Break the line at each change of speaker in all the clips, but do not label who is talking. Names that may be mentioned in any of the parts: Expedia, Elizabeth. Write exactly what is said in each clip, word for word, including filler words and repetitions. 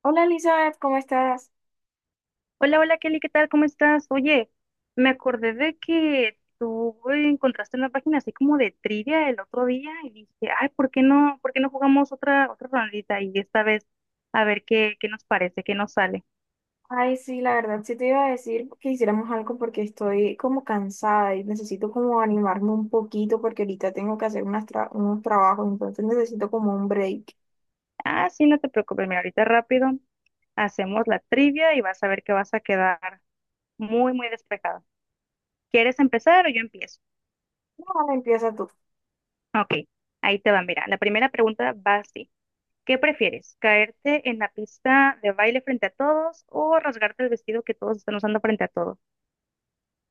Hola Elizabeth, ¿cómo estás?
Hola, hola Kelly, ¿qué tal? ¿Cómo estás? Oye, me acordé de que tú eh, encontraste una página así como de trivia el otro día y dije, ay, ¿por qué no, ¿por qué no jugamos otra, otra rondita? Y esta vez a ver qué, qué nos parece, qué nos sale.
Ay, sí, la verdad, sí te iba a decir que hiciéramos algo porque estoy como cansada y necesito como animarme un poquito porque ahorita tengo que hacer unas tra- unos trabajos, entonces necesito como un break.
Ah, sí, no te preocupes, mira, ahorita rápido hacemos la trivia y vas a ver que vas a quedar muy, muy despejada. ¿Quieres empezar o yo empiezo?
No, empieza tú.
Ok, ahí te va, mira, la primera pregunta va así. ¿Qué prefieres? ¿Caerte en la pista de baile frente a todos o rasgarte el vestido que todos están usando frente a todos?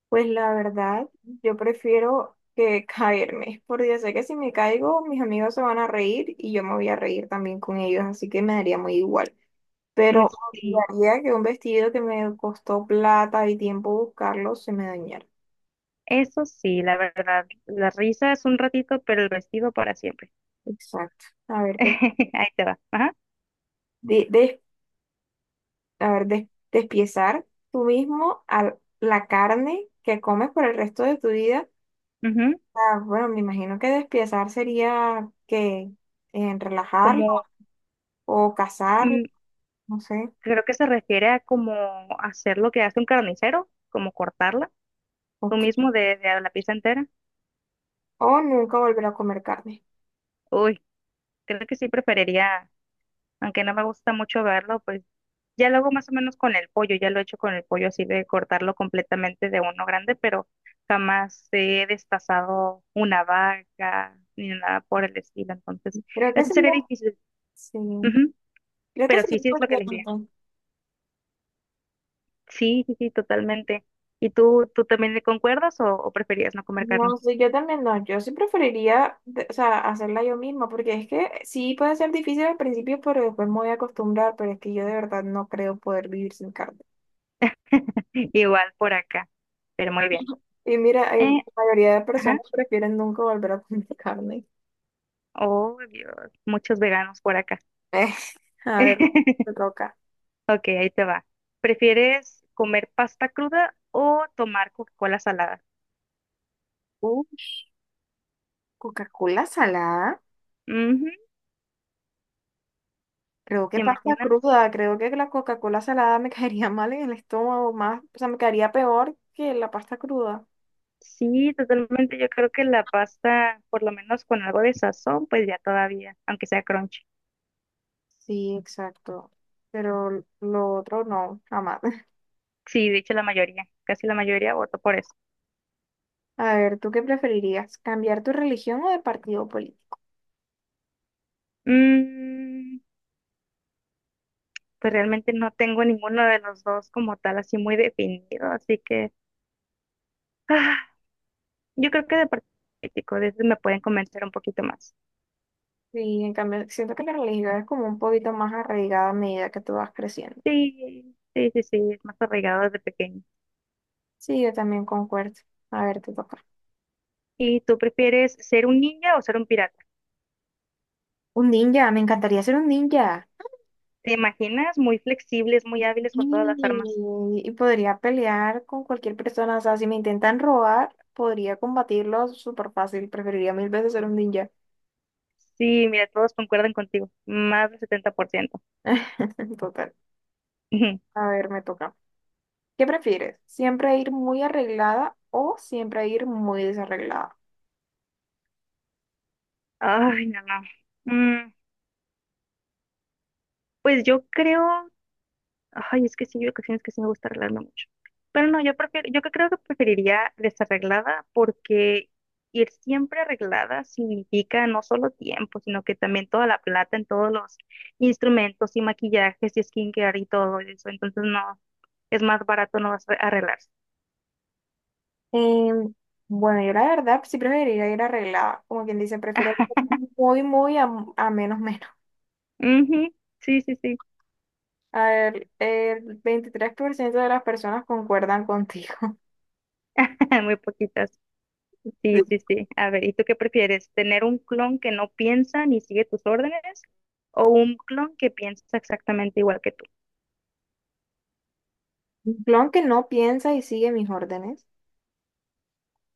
Pues la verdad, yo prefiero que caerme, porque sé que si me caigo, mis amigos se van a reír y yo me voy a reír también con ellos, así que me daría muy igual.
Mm,
Pero
sí,
odiaría que un vestido que me costó plata y tiempo buscarlo se me dañara.
eso sí, la verdad. La risa es un ratito, pero el vestido para siempre.
Exacto. A ver, que
Ahí te va. Ajá.
de, de- a ver, des- despiezar tú mismo a la carne que comes por el resto de tu vida.
Ujú.
Ah, bueno, me imagino que despiezar sería que en relajarlo
Como,
o cazarlo,
mm,
no sé,
creo que se refiere a como hacer lo que hace un carnicero, como cortarla,
o,
tú
que-
mismo de, de la pizza entera.
o nunca volver a comer carne.
Uy, creo que sí preferiría, aunque no me gusta mucho verlo, pues ya lo hago más o menos con el pollo, ya lo he hecho con el pollo así de cortarlo completamente de uno grande, pero jamás he destazado una vaca ni nada por el estilo, entonces
Creo que
eso
sería,
sería difícil.
sí,
Ujú.
creo que
Pero
sería
sí, sí es lo que les diría.
importante.
Sí, sí, sí, totalmente. ¿Y tú, tú también le concuerdas o, o preferías no comer
No,
carne?
sí, yo también no, yo sí preferiría, de- o sea, hacerla yo misma, porque es que sí puede ser difícil al principio, pero después me voy a acostumbrar, pero es que yo de verdad no creo poder vivir sin carne.
Igual por acá, pero muy bien.
Y mira, hay, la
Eh,
mayoría de
ajá.
personas prefieren nunca volver a comer carne.
Oh, Dios, muchos veganos por acá.
Eh, a ver, me toca.
Ok, ahí te va. ¿Prefieres comer pasta cruda o tomar Coca-Cola salada?
Uh, Coca-Cola salada,
Ujú.
creo que
¿Te
pasta
imaginas?
cruda, creo que la Coca-Cola salada me caería mal en el estómago, más, o sea, me caería peor que la pasta cruda.
Sí, totalmente. Yo creo que la pasta, por lo menos con algo de sazón, pues ya todavía, aunque sea crunchy.
Sí, exacto, pero lo otro no, jamás.
Sí, de hecho la mayoría, casi la mayoría votó por eso.
A ver, ¿tú qué preferirías? ¿Cambiar tu religión o de partido político?
Mm, pues realmente no tengo ninguno de los dos como tal así muy definido, así que ah, yo creo que de parte político, de eso me pueden convencer un poquito más.
Sí, en cambio, siento que la religión es como un poquito más arraigada a medida que tú vas creciendo.
Sí, sí, sí, sí, es más arraigado desde pequeño.
Sí, yo también concuerdo. A ver, te toca.
¿Y tú prefieres ser un ninja o ser un pirata?
Un ninja, me encantaría ser un ninja.
¿Te imaginas? Muy flexibles, muy
Y,
hábiles con todas las armas.
y podría pelear con cualquier persona. O sea, si me intentan robar, podría combatirlos súper fácil. Preferiría mil veces ser un ninja.
Sí, mira, todos concuerdan contigo. Más del setenta por ciento.
Total. A ver, me toca. ¿Qué prefieres? ¿Siempre ir muy arreglada o siempre ir muy desarreglada?
Ay, no, no. Mm, pues yo creo... Ay, es que sí, hay ocasiones que sí me gusta arreglarme mucho. Pero no, yo prefiero, yo creo que preferiría desarreglada porque ir siempre arreglada significa no solo tiempo, sino que también toda la plata en todos los instrumentos y maquillajes y skincare y todo eso. Entonces, no. Es más barato no vas a arreglarse.
Em, bueno, yo la verdad sí preferiría ir arreglada, como quien dice, prefiero
Ah,
ir muy, muy a, a menos, menos.
ujú, sí, sí, sí,
A ver, el veintitrés por ciento de las personas concuerdan contigo.
muy poquitas. Sí,
Sí.
sí, sí. A ver, ¿y tú qué prefieres? ¿Tener un clon que no piensa ni sigue tus órdenes o un clon que piensa exactamente igual que tú?
Un clon que no piensa y sigue mis órdenes,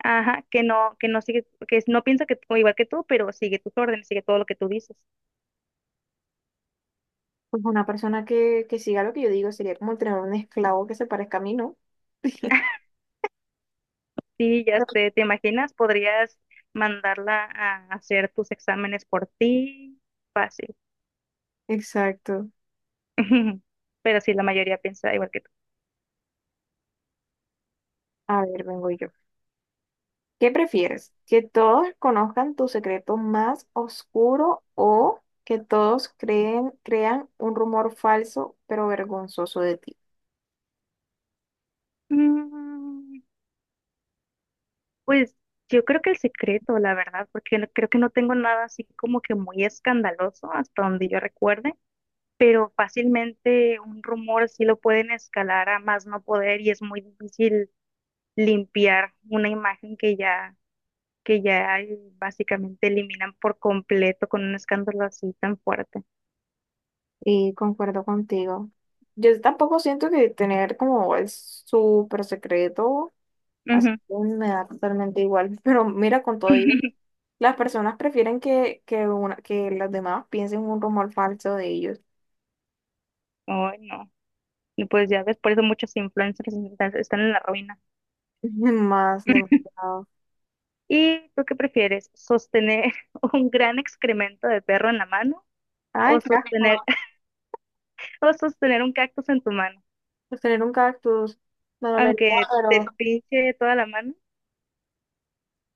Ajá, que no, que no sigue, que no piensa que tú- igual que tú, pero sigue tus órdenes, sigue todo lo que tú dices.
pues una persona que, que siga lo que yo digo sería como tener un esclavo que se parezca a mí, ¿no?
Sí, ya sé, ¿te imaginas? Podrías mandarla a hacer tus exámenes por ti. Fácil.
Exacto.
Pero sí, la mayoría piensa igual que tú.
A ver, vengo yo. ¿Qué prefieres? ¿Que todos conozcan tu secreto más oscuro o que todos creen, crean un rumor falso pero vergonzoso de ti?
Mm, pues yo creo que el secreto, la verdad, porque no- creo que no tengo nada así como que muy escandaloso hasta donde yo recuerde, pero fácilmente un rumor sí lo pueden escalar a más no poder y es muy difícil limpiar una imagen que ya, que ya eh, básicamente eliminan por completo con un escándalo así tan fuerte.
Y concuerdo contigo. Yo tampoco siento que tener como el súper secreto así
Ujú.
me da totalmente igual. Pero mira, con todo ello, las personas prefieren que, que, una, que las demás piensen un rumor falso de ellos.
Ay, no. Y pues ya ves, por eso muchos influencers están están en la ruina.
Más demostrado.
¿Y tú qué prefieres? ¿Sostener un gran excremento de perro en la mano
Ay,
o
qué
sostener,
asco.
o sostener un cactus en tu mano?
Pues tener un cactus. Me dolería,
Aunque
pero.
te pinche toda la mano.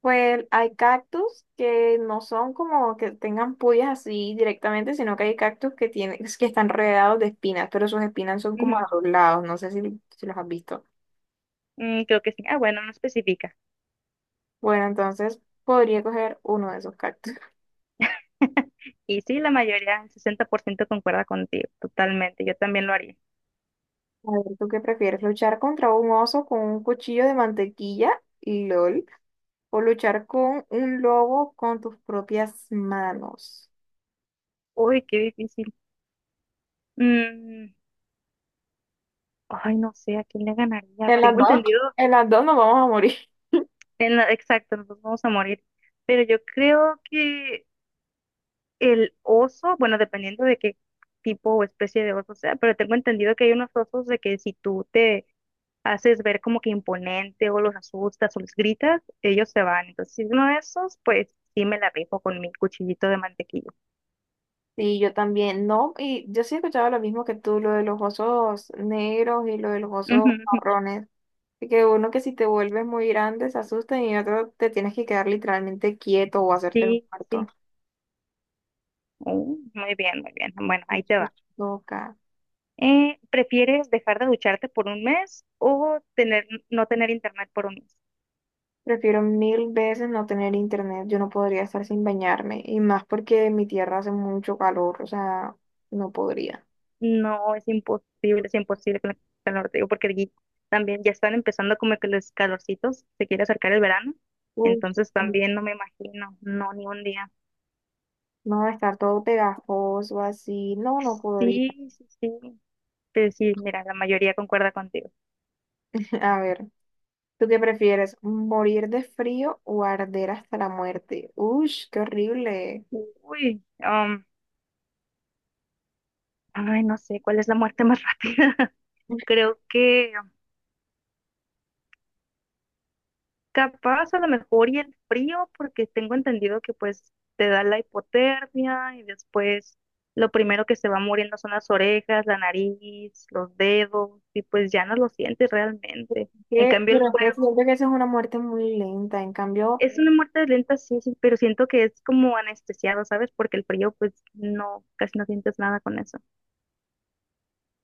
Pues hay cactus que no son como que tengan puyas así directamente, sino que hay cactus que tienen, que están rodeados de espinas, pero sus espinas son como
Ujú.
a los lados, no sé si, si los has visto.
Mm, creo que sí. Ah, bueno, no especifica.
Bueno, entonces podría coger uno de esos cactus.
Y sí, la mayoría, el sesenta por ciento concuerda contigo, totalmente. Yo también lo haría.
A ver, ¿tú qué prefieres? ¿Luchar contra un oso con un cuchillo de mantequilla? L O L. ¿O luchar con un lobo con tus propias manos?
Uy, qué difícil. Mm, ay, no sé, ¿a quién le ganaría?
En las
Tengo
dos,
entendido,
en las dos nos vamos a morir.
en la- exacto, nos vamos a morir. Pero yo creo que el oso, bueno, dependiendo de qué tipo o especie de oso sea, pero tengo entendido que hay unos osos de que si tú te haces ver como que imponente o los asustas o les gritas, ellos se van. Entonces, si uno de esos, pues sí me la rifo con mi cuchillito de mantequilla.
Sí, yo también, no, y yo sí he escuchado lo mismo que tú, lo de los osos negros y lo de los
Ujú,
osos
ujú.
marrones. Así que uno que si te vuelves muy grande se asusta y otro te tienes que quedar literalmente quieto o hacerte el
Sí,
muerto.
sí. Uh, muy bien, muy bien. Bueno, ahí te
Eso
va.
toca.
Eh, ¿prefieres dejar de ducharte por un mes o tener, no tener internet por un mes?
Prefiero mil veces no tener internet, yo no podría estar sin bañarme, y más porque en mi tierra hace mucho calor, o sea, no podría.
No, es imposible, es imposible con el calor, te digo, porque aquí también ya están empezando como que los calorcitos, se quiere acercar el verano,
Uf,
entonces
sí.
también no me imagino, no, ni un día.
No, estar todo pegajoso así, no, no
Sí,
podría.
sí, sí, pues sí, mira, la mayoría concuerda contigo.
A ver. ¿Tú qué prefieres? ¿Morir de frío o arder hasta la muerte? Ush, qué horrible.
Uy, um, ay, no sé, ¿cuál es la muerte más rápida? Creo que capaz a lo mejor y el frío, porque tengo entendido que pues te da la hipotermia y después lo primero que se va muriendo son las orejas, la nariz, los dedos y pues ya no lo sientes realmente. En
¿Qué?
cambio el
Pero es que
fuego
siento que esa es una muerte muy lenta. En cambio,
es una muerte lenta, sí, sí, pero siento que es como anestesiado, ¿sabes? Porque el frío pues no, casi no sientes nada con eso.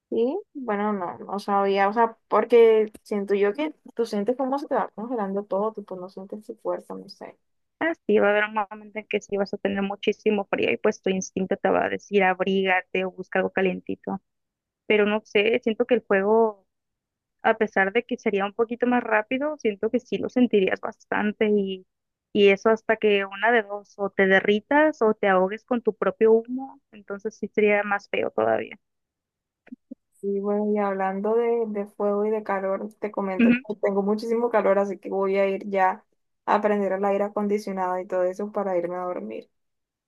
sí, bueno, no, no sabía. O sea, porque siento yo que tú sientes cómo se te va congelando todo, tipo, no sientes tu cuerpo, no sé.
Ah, sí, va a haber un momento en que sí vas a tener muchísimo frío y pues tu instinto te va a decir abrígate o busca algo calientito. Pero no sé, siento que el fuego a pesar de que sería un poquito más rápido, siento que sí lo sentirías bastante y, y eso hasta que una de dos, o te derritas o te ahogues con tu propio humo, entonces sí sería más feo todavía.
Sí, bueno, y hablando de, de fuego y de calor, te comento
Ujú.
que tengo muchísimo calor, así que voy a ir ya a prender el aire acondicionado y todo eso para irme a dormir.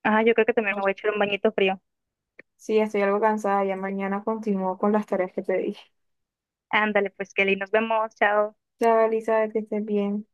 Ah, yo creo que también me voy a echar un bañito frío.
Sí, estoy algo cansada. Ya mañana continúo con las tareas que te dije.
Ándale, pues Kelly, nos vemos, chao.
Chao, Elizabeth, que estés bien.